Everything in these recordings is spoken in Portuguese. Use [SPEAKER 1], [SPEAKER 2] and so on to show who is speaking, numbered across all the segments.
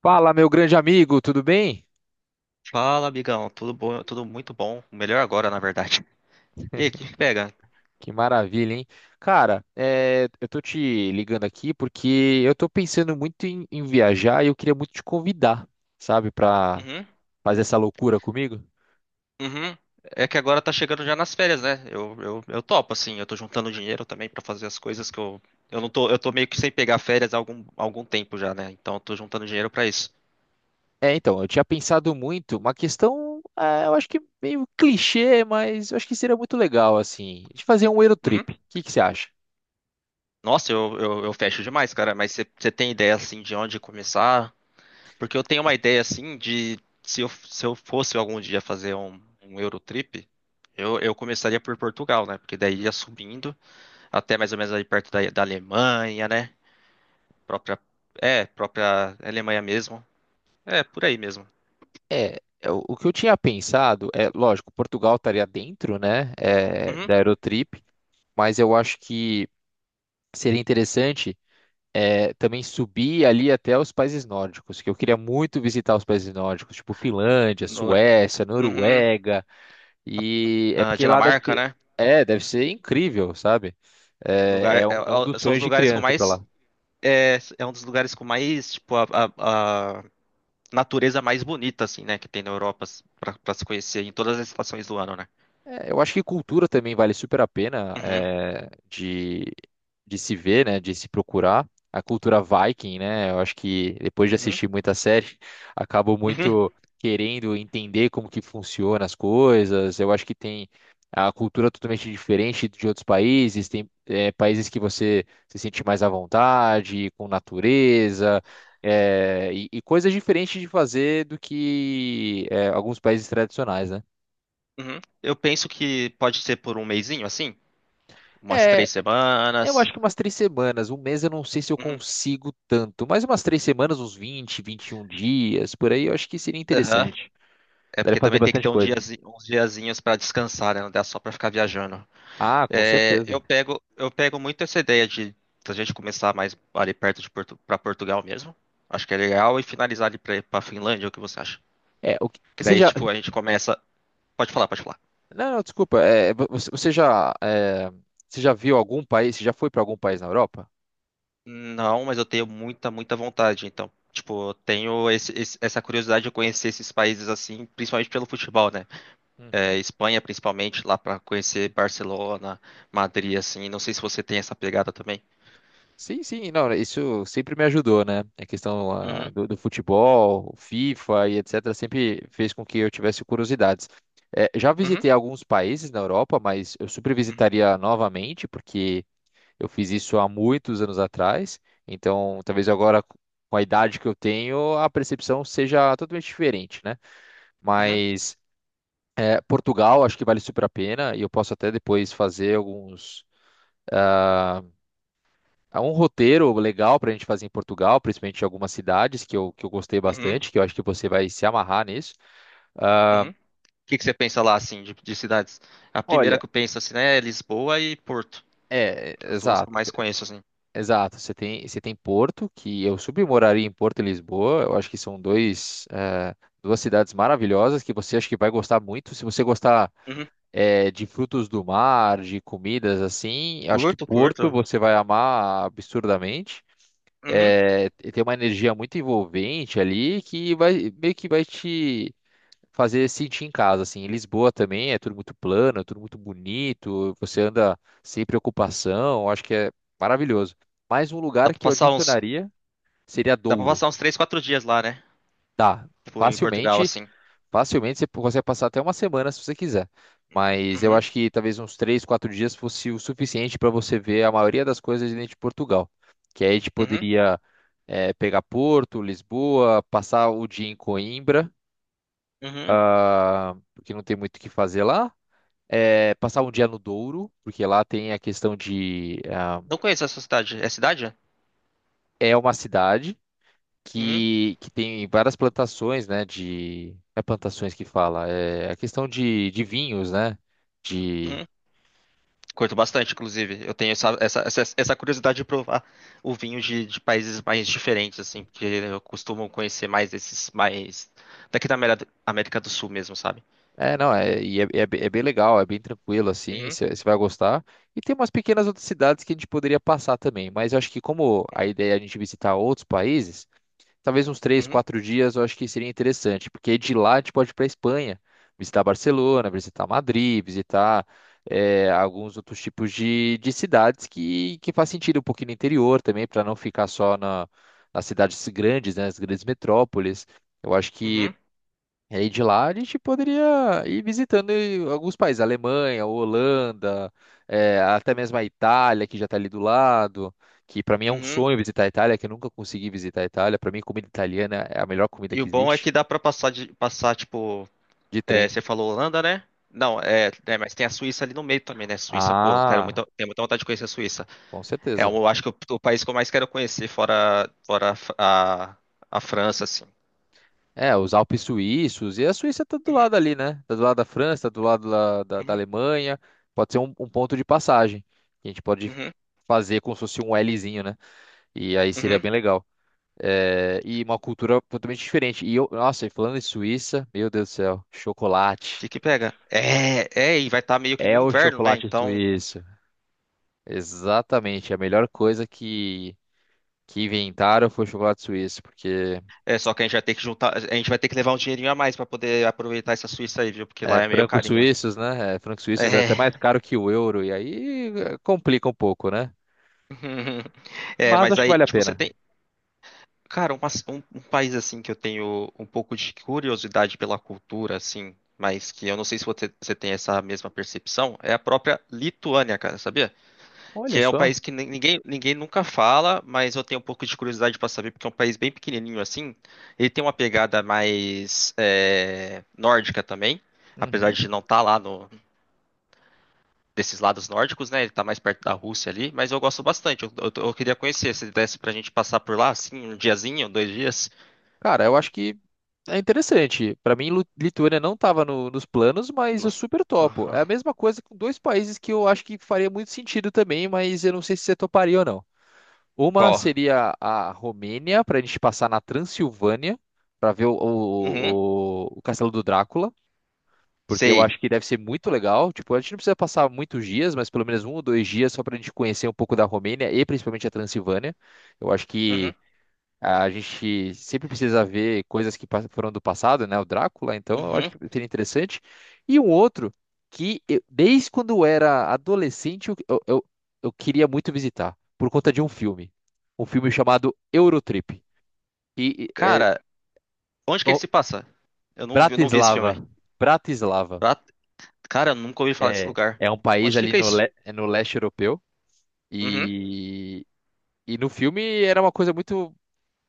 [SPEAKER 1] Fala, meu grande amigo, tudo bem?
[SPEAKER 2] Fala, amigão. Tudo bom? Tudo muito bom. Melhor agora, na verdade. E aí, o que que pega?
[SPEAKER 1] Que maravilha, hein? Cara, eu tô te ligando aqui porque eu tô pensando muito em viajar e eu queria muito te convidar, sabe, pra
[SPEAKER 2] Uhum,
[SPEAKER 1] fazer essa loucura comigo.
[SPEAKER 2] uhum. É que agora tá chegando já nas férias, né? Eu topo, assim. Eu tô juntando dinheiro também pra fazer as coisas que eu. Eu não tô. Eu tô meio que sem pegar férias há algum tempo já, né? Então eu tô juntando dinheiro pra isso.
[SPEAKER 1] Então, eu tinha pensado muito, uma questão, eu acho que meio clichê, mas eu acho que seria muito legal, assim, de fazer um
[SPEAKER 2] Uhum.
[SPEAKER 1] Eurotrip. O que que você acha?
[SPEAKER 2] Nossa, eu fecho demais, cara. Mas você tem ideia, assim, de onde começar? Porque eu tenho uma ideia, assim, de. Se eu fosse algum dia fazer um Eurotrip, eu começaria por Portugal, né? Porque daí ia subindo. Até mais ou menos ali perto da Alemanha, né? Própria, é, própria Alemanha mesmo. É, por aí mesmo.
[SPEAKER 1] O que eu tinha pensado é, lógico, Portugal estaria dentro, né,
[SPEAKER 2] Uhum.
[SPEAKER 1] da Eurotrip, mas eu acho que seria interessante. Também subir ali até os países nórdicos, que eu queria muito visitar os países nórdicos, tipo
[SPEAKER 2] N-
[SPEAKER 1] Finlândia,
[SPEAKER 2] Nor-
[SPEAKER 1] Suécia,
[SPEAKER 2] uhum.
[SPEAKER 1] Noruega, e é
[SPEAKER 2] Ah,
[SPEAKER 1] porque lá deve
[SPEAKER 2] Dinamarca,
[SPEAKER 1] ser,
[SPEAKER 2] né?
[SPEAKER 1] deve ser incrível, sabe?
[SPEAKER 2] Lugar,
[SPEAKER 1] É um dos
[SPEAKER 2] são os
[SPEAKER 1] sonhos de
[SPEAKER 2] lugares com
[SPEAKER 1] criança ir pra
[SPEAKER 2] mais,
[SPEAKER 1] lá.
[SPEAKER 2] é um dos lugares com mais, tipo, a natureza mais bonita, assim, né? Que tem na Europa pra se conhecer em todas as estações do ano, né?
[SPEAKER 1] É, eu acho que cultura também vale super a pena
[SPEAKER 2] Uhum,
[SPEAKER 1] de se ver, né? De se procurar. A cultura Viking, né? Eu acho que depois de
[SPEAKER 2] uhum,
[SPEAKER 1] assistir muita série, acabo
[SPEAKER 2] uhum,
[SPEAKER 1] muito querendo entender como que funciona as coisas. Eu acho que tem a cultura totalmente diferente de outros países. Tem países que você se sente mais à vontade, com natureza. E coisas diferentes de fazer do que alguns países tradicionais, né?
[SPEAKER 2] uhum. Eu penso que pode ser por um mesinho, assim, umas três
[SPEAKER 1] É, Eu
[SPEAKER 2] semanas.
[SPEAKER 1] acho que umas 3 semanas, um mês eu não sei se eu
[SPEAKER 2] Uhum.
[SPEAKER 1] consigo tanto, mas umas 3 semanas, uns 20, 21 dias, por aí, eu acho que seria interessante.
[SPEAKER 2] É
[SPEAKER 1] Daria
[SPEAKER 2] porque
[SPEAKER 1] pra fazer
[SPEAKER 2] também tem que
[SPEAKER 1] bastante
[SPEAKER 2] ter
[SPEAKER 1] coisa.
[SPEAKER 2] uns diazinhos para descansar, né? Não dá só para ficar viajando.
[SPEAKER 1] Ah, com
[SPEAKER 2] É, eu
[SPEAKER 1] certeza.
[SPEAKER 2] pego, eu pego muito essa ideia de a gente começar mais ali perto de para Portugal mesmo. Acho que é legal e finalizar ali para Finlândia, o que você acha?
[SPEAKER 1] É, o que-
[SPEAKER 2] Que
[SPEAKER 1] você
[SPEAKER 2] daí
[SPEAKER 1] já.
[SPEAKER 2] tipo a gente começa. Pode falar, pode falar.
[SPEAKER 1] Não, não, desculpa. Você já viu algum país? Você já foi para algum país na Europa?
[SPEAKER 2] Não, mas eu tenho muita, muita vontade. Então, tipo, eu tenho essa curiosidade de conhecer esses países assim, principalmente pelo futebol, né? É,
[SPEAKER 1] Uhum.
[SPEAKER 2] Espanha, principalmente, lá para conhecer Barcelona, Madrid, assim. Não sei se você tem essa pegada também.
[SPEAKER 1] Sim, sim, não, isso sempre me ajudou, né? A questão ah,
[SPEAKER 2] Uhum.
[SPEAKER 1] do, do futebol, FIFA e etc. sempre fez com que eu tivesse curiosidades. Já
[SPEAKER 2] Uhum,
[SPEAKER 1] visitei alguns países na Europa, mas eu super
[SPEAKER 2] uhum,
[SPEAKER 1] visitaria novamente, porque eu fiz isso há muitos anos atrás. Então, talvez agora, com a idade que eu tenho, a percepção seja totalmente diferente, né?
[SPEAKER 2] uhum,
[SPEAKER 1] Mas Portugal, acho que vale super a pena e eu posso até depois fazer alguns. ah, há um roteiro legal para a gente fazer em Portugal, principalmente em algumas cidades que eu gostei
[SPEAKER 2] uhum,
[SPEAKER 1] bastante, que eu acho que você vai se amarrar nisso. Ah,
[SPEAKER 2] uhum. O que que você pensa lá, assim, de cidades? É a primeira
[SPEAKER 1] olha,
[SPEAKER 2] que eu penso, assim, né, é Lisboa e Porto.
[SPEAKER 1] é,
[SPEAKER 2] As duas que eu
[SPEAKER 1] exato,
[SPEAKER 2] mais conheço, assim.
[SPEAKER 1] exato. Você tem Porto, que eu submoraria em Porto e Lisboa. Eu acho que são duas cidades maravilhosas que você acho que vai gostar muito. Se você gostar,
[SPEAKER 2] Uhum.
[SPEAKER 1] de frutos do mar, de comidas assim, eu acho que
[SPEAKER 2] Curto,
[SPEAKER 1] Porto
[SPEAKER 2] curto.
[SPEAKER 1] você vai amar absurdamente.
[SPEAKER 2] Uhum.
[SPEAKER 1] É, tem uma energia muito envolvente ali que vai meio que vai te fazer sentir em casa, assim. Em Lisboa também é tudo muito plano, é tudo muito bonito, você anda sem preocupação, acho que é maravilhoso. Mais um
[SPEAKER 2] Dá
[SPEAKER 1] lugar
[SPEAKER 2] pra
[SPEAKER 1] que eu
[SPEAKER 2] passar uns,
[SPEAKER 1] adicionaria seria
[SPEAKER 2] dá pra
[SPEAKER 1] Douro.
[SPEAKER 2] passar uns 3, 4 dias lá, né?
[SPEAKER 1] Dá,
[SPEAKER 2] Tipo, em Portugal,
[SPEAKER 1] facilmente
[SPEAKER 2] assim.
[SPEAKER 1] Facilmente você consegue passar até uma semana se você quiser. Mas eu
[SPEAKER 2] Uhum,
[SPEAKER 1] acho que talvez uns 3, 4 dias fosse o suficiente para você ver a maioria das coisas dentro de Portugal. Que aí a gente
[SPEAKER 2] uhum,
[SPEAKER 1] poderia pegar Porto, Lisboa, passar o dia em Coimbra,
[SPEAKER 2] uhum.
[SPEAKER 1] porque não tem muito o que fazer lá. Passar um dia no Douro, porque lá tem a questão de.
[SPEAKER 2] Não conheço essa cidade. É cidade?
[SPEAKER 1] É uma cidade
[SPEAKER 2] Uhum,
[SPEAKER 1] que tem várias plantações, né? De. Não é plantações que fala, é a questão de vinhos, né? de
[SPEAKER 2] uhum. Curto bastante, inclusive. Eu tenho essa curiosidade de provar o vinho de países mais diferentes, assim, porque eu costumo conhecer mais esses mais daqui da América do Sul mesmo, sabe?
[SPEAKER 1] É, não, é, e é, é be- é bem legal, é bem tranquilo, assim,
[SPEAKER 2] Uhum,
[SPEAKER 1] você vai gostar. E tem umas pequenas outras cidades que a gente poderia passar também, mas eu acho que como a ideia é a gente visitar outros países, talvez uns três,
[SPEAKER 2] uhum,
[SPEAKER 1] quatro dias eu acho que seria interessante, porque de lá a gente pode ir para Espanha, visitar Barcelona, visitar Madrid, visitar alguns outros tipos de cidades que faz sentido um pouquinho no interior também, para não ficar só na, nas cidades grandes, né, nas grandes metrópoles. Eu acho que.
[SPEAKER 2] uhum,
[SPEAKER 1] E aí de lá a gente poderia ir visitando alguns países, Alemanha, Holanda, até mesmo a Itália, que já está ali do lado, que para mim é um
[SPEAKER 2] uhum.
[SPEAKER 1] sonho visitar a Itália, que eu nunca consegui visitar a Itália. Para mim, comida italiana é a melhor comida
[SPEAKER 2] E o
[SPEAKER 1] que
[SPEAKER 2] bom é
[SPEAKER 1] existe,
[SPEAKER 2] que dá pra passar de passar, tipo,
[SPEAKER 1] de
[SPEAKER 2] é,
[SPEAKER 1] trem.
[SPEAKER 2] você falou Holanda, né? Não, mas tem a Suíça ali no meio também, né? Suíça, pô, eu quero
[SPEAKER 1] Ah,
[SPEAKER 2] muito, tenho muita vontade de conhecer a Suíça.
[SPEAKER 1] com
[SPEAKER 2] É,
[SPEAKER 1] certeza.
[SPEAKER 2] eu acho que o país que eu mais quero conhecer fora, a, a, a França, assim.
[SPEAKER 1] É, os Alpes suíços, e a Suíça tá do
[SPEAKER 2] Uhum,
[SPEAKER 1] lado ali, né? Tá do lado da França, tá do lado lá da
[SPEAKER 2] uhum,
[SPEAKER 1] Alemanha. Pode ser um ponto de passagem, que a gente pode
[SPEAKER 2] uhum,
[SPEAKER 1] fazer como se fosse um Lzinho, né? E aí seria
[SPEAKER 2] uhum.
[SPEAKER 1] bem legal. É, e uma cultura totalmente diferente. E eu, nossa, e falando em Suíça, meu Deus do céu, chocolate.
[SPEAKER 2] De que pega? E vai estar meio que no
[SPEAKER 1] É o
[SPEAKER 2] inverno, né?
[SPEAKER 1] chocolate
[SPEAKER 2] Então,
[SPEAKER 1] suíço. Exatamente. A melhor coisa que inventaram foi o chocolate suíço, porque
[SPEAKER 2] é só que a gente vai ter que juntar, a gente vai ter que levar um dinheirinho a mais para poder aproveitar essa Suíça aí, viu? Porque lá é meio
[SPEAKER 1] francos
[SPEAKER 2] carinho.
[SPEAKER 1] suíços, né? É, francos suíços é até
[SPEAKER 2] É.
[SPEAKER 1] mais caro que o euro, e aí complica um pouco, né?
[SPEAKER 2] É,
[SPEAKER 1] Mas
[SPEAKER 2] mas
[SPEAKER 1] acho que
[SPEAKER 2] aí,
[SPEAKER 1] vale a
[SPEAKER 2] tipo, você
[SPEAKER 1] pena.
[SPEAKER 2] tem, cara, um país assim que eu tenho um pouco de curiosidade pela cultura, assim, mas que eu não sei se você tem essa mesma percepção, é a própria Lituânia, cara, sabia? Que
[SPEAKER 1] Olha
[SPEAKER 2] é um
[SPEAKER 1] só.
[SPEAKER 2] país que ninguém nunca fala, mas eu tenho um pouco de curiosidade para saber, porque é um país bem pequenininho assim. Ele tem uma pegada mais é, nórdica também, apesar
[SPEAKER 1] Uhum.
[SPEAKER 2] de não estar lá no, desses lados nórdicos, né? Ele tá mais perto da Rússia ali, mas eu gosto bastante. Eu queria conhecer, se desse pra gente passar por lá, assim, um diazinho, 2 dias.
[SPEAKER 1] Cara, eu acho que é interessante. Para mim, Lituânia não estava nos planos, mas eu
[SPEAKER 2] Nossa.
[SPEAKER 1] super topo.
[SPEAKER 2] Aham.
[SPEAKER 1] É a mesma coisa com dois países que eu acho que faria muito sentido também, mas eu não sei se você toparia ou não. Uma
[SPEAKER 2] Qual?
[SPEAKER 1] seria a Romênia, para a gente passar na Transilvânia, para ver o,
[SPEAKER 2] Uhum,
[SPEAKER 1] o, o, o Castelo do Drácula, porque eu
[SPEAKER 2] sei.
[SPEAKER 1] acho que deve ser muito legal. Tipo, a gente não precisa passar muitos dias, mas pelo menos um ou dois dias só para a gente conhecer um pouco da Romênia e principalmente a Transilvânia. Eu acho que.
[SPEAKER 2] Uhum,
[SPEAKER 1] A gente sempre precisa ver coisas que foram do passado, né? O Drácula, então eu acho
[SPEAKER 2] uhum.
[SPEAKER 1] que seria interessante. E um outro que desde quando eu era adolescente eu queria muito visitar, por conta de um filme. Um filme chamado Eurotrip. E é,
[SPEAKER 2] Cara, onde que ele
[SPEAKER 1] bom,
[SPEAKER 2] se passa? Eu não vi esse filme.
[SPEAKER 1] Bratislava. Bratislava.
[SPEAKER 2] Ah, cara, eu nunca ouvi falar desse lugar.
[SPEAKER 1] É um país
[SPEAKER 2] Onde
[SPEAKER 1] ali
[SPEAKER 2] fica
[SPEAKER 1] no,
[SPEAKER 2] isso?
[SPEAKER 1] é no leste europeu.
[SPEAKER 2] Uhum.
[SPEAKER 1] E, e no filme era uma coisa muito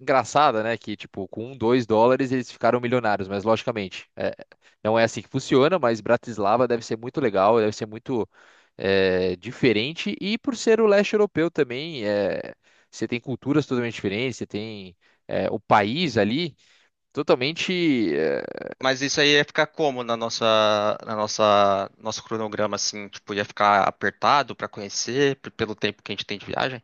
[SPEAKER 1] engraçada, né? Que, tipo, com um, US$ 2 eles ficaram milionários, mas logicamente, não é assim que funciona, mas Bratislava deve ser muito legal, deve ser muito diferente, e por ser o leste europeu também, você tem culturas totalmente diferentes, você tem o país ali totalmente.
[SPEAKER 2] Mas isso aí ia ficar como nosso cronograma, assim, tipo, ia ficar apertado pra conhecer pelo tempo que a gente tem de viagem?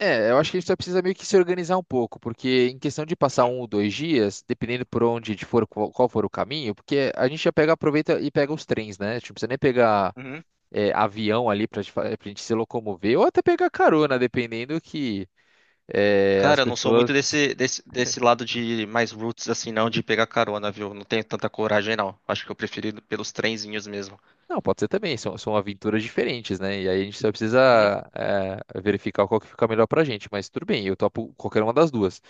[SPEAKER 1] Eu acho que a gente só precisa meio que se organizar um pouco, porque em questão de passar um ou dois dias, dependendo por onde for, qual for o caminho, porque a gente já pega, aproveita e pega os trens, né? A gente não precisa nem pegar
[SPEAKER 2] Uhum.
[SPEAKER 1] avião ali para a gente se locomover, ou até pegar carona, dependendo que as
[SPEAKER 2] Cara, eu não sou
[SPEAKER 1] pessoas.
[SPEAKER 2] muito desse lado de mais roots, assim, não, de pegar carona, viu? Não tenho tanta coragem, não. Acho que eu prefiro ir pelos trenzinhos mesmo.
[SPEAKER 1] Não, pode ser também, são, são aventuras diferentes, né? E aí a gente só precisa
[SPEAKER 2] Uhum.
[SPEAKER 1] verificar qual que fica melhor pra gente, mas tudo bem, eu topo qualquer uma das duas.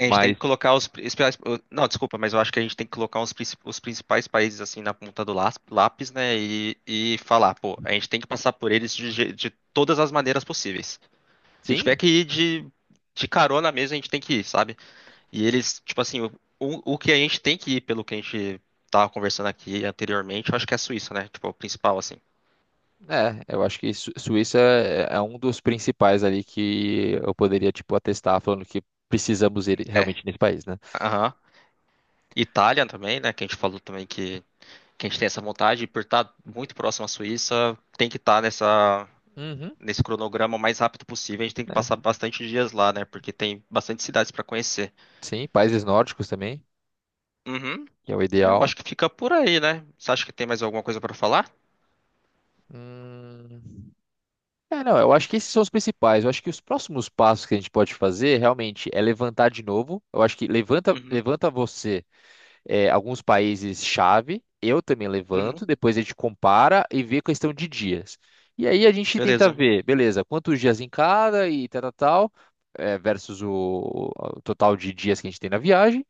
[SPEAKER 2] A gente tem
[SPEAKER 1] Mas
[SPEAKER 2] que colocar os. Não, desculpa, mas eu acho que a gente tem que colocar os, os principais países assim na ponta do lápis, né? E falar, pô, a gente tem que passar por eles de todas as maneiras possíveis. Se tiver
[SPEAKER 1] sim,
[SPEAKER 2] que ir de carona mesmo, a gente tem que ir, sabe? E eles, tipo assim, o que a gente tem que ir, pelo que a gente tava conversando aqui anteriormente, eu acho que é a Suíça, né? Tipo, o principal, assim.
[SPEAKER 1] eu acho que Suíça é um dos principais ali que eu poderia, tipo, atestar falando que precisamos ir realmente
[SPEAKER 2] É.
[SPEAKER 1] nesse país, né?
[SPEAKER 2] Aham. Itália também, né? Que a gente falou também que a gente tem essa vontade, e por estar muito próximo à Suíça, tem que estar nessa,
[SPEAKER 1] Uhum,
[SPEAKER 2] nesse cronograma o mais rápido possível. A gente tem que passar
[SPEAKER 1] né?
[SPEAKER 2] bastante dias lá, né? Porque tem bastante cidades para conhecer.
[SPEAKER 1] Sim, países nórdicos também,
[SPEAKER 2] Uhum.
[SPEAKER 1] que é o
[SPEAKER 2] É, eu
[SPEAKER 1] ideal.
[SPEAKER 2] acho que fica por aí, né? Você acha que tem mais alguma coisa para falar?
[SPEAKER 1] Hum, É, não, eu acho que esses são os principais. Eu acho que os próximos passos que a gente pode fazer realmente é levantar de novo. Eu acho que levanta,
[SPEAKER 2] Uhum.
[SPEAKER 1] levanta você alguns países chave, eu também
[SPEAKER 2] Uhum.
[SPEAKER 1] levanto, depois a gente compara e vê questão de dias. E aí a gente tenta
[SPEAKER 2] Beleza.
[SPEAKER 1] ver, beleza, quantos dias em cada e tal, tal, tal, versus o total de dias que a gente tem na viagem.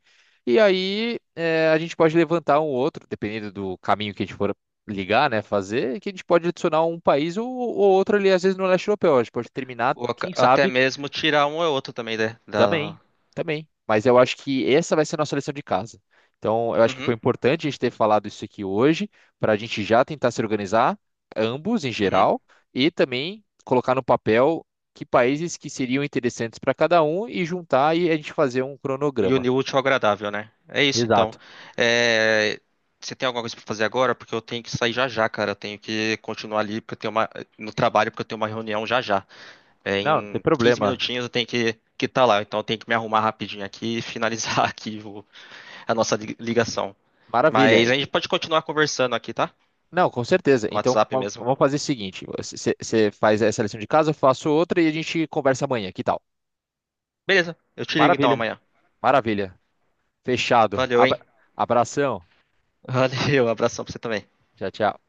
[SPEAKER 1] E aí a gente pode levantar um ou outro, dependendo do caminho que a gente for ligar, né, fazer, que a gente pode adicionar um país ou outro ali, às vezes no leste europeu. A gente pode terminar,
[SPEAKER 2] Ou
[SPEAKER 1] quem
[SPEAKER 2] até
[SPEAKER 1] sabe,
[SPEAKER 2] mesmo tirar um ou outro também, né?
[SPEAKER 1] também,
[SPEAKER 2] Da...
[SPEAKER 1] também. Mas eu acho que essa vai ser a nossa lição de casa. Então, eu acho que foi
[SPEAKER 2] Uhum,
[SPEAKER 1] importante a gente ter falado isso aqui hoje, para a gente já tentar se organizar, ambos em
[SPEAKER 2] uhum.
[SPEAKER 1] geral, e também colocar no papel que países que seriam interessantes para cada um e juntar e a gente fazer um
[SPEAKER 2] E
[SPEAKER 1] cronograma.
[SPEAKER 2] unir o útil ao agradável, né? É isso, então.
[SPEAKER 1] Exato.
[SPEAKER 2] É, você tem alguma coisa pra fazer agora? Porque eu tenho que sair já já, cara. Eu tenho que continuar ali, porque eu tenho uma... no trabalho, porque eu tenho uma reunião já já. É,
[SPEAKER 1] Não, não tem
[SPEAKER 2] em 15
[SPEAKER 1] problema.
[SPEAKER 2] minutinhos eu tenho que tá lá. Então eu tenho que me arrumar rapidinho aqui e finalizar aqui a nossa ligação.
[SPEAKER 1] Maravilha.
[SPEAKER 2] Mas a gente pode continuar conversando aqui, tá?
[SPEAKER 1] Não, com certeza.
[SPEAKER 2] No
[SPEAKER 1] Então,
[SPEAKER 2] WhatsApp mesmo.
[SPEAKER 1] vamos fazer o seguinte: você faz essa lição de casa, eu faço outra e a gente conversa amanhã. Que tal?
[SPEAKER 2] Beleza, eu te ligo então
[SPEAKER 1] Maravilha,
[SPEAKER 2] amanhã.
[SPEAKER 1] maravilha. Fechado.
[SPEAKER 2] Valeu, hein?
[SPEAKER 1] Abração.
[SPEAKER 2] Valeu, abração pra você também.
[SPEAKER 1] Tchau, tchau.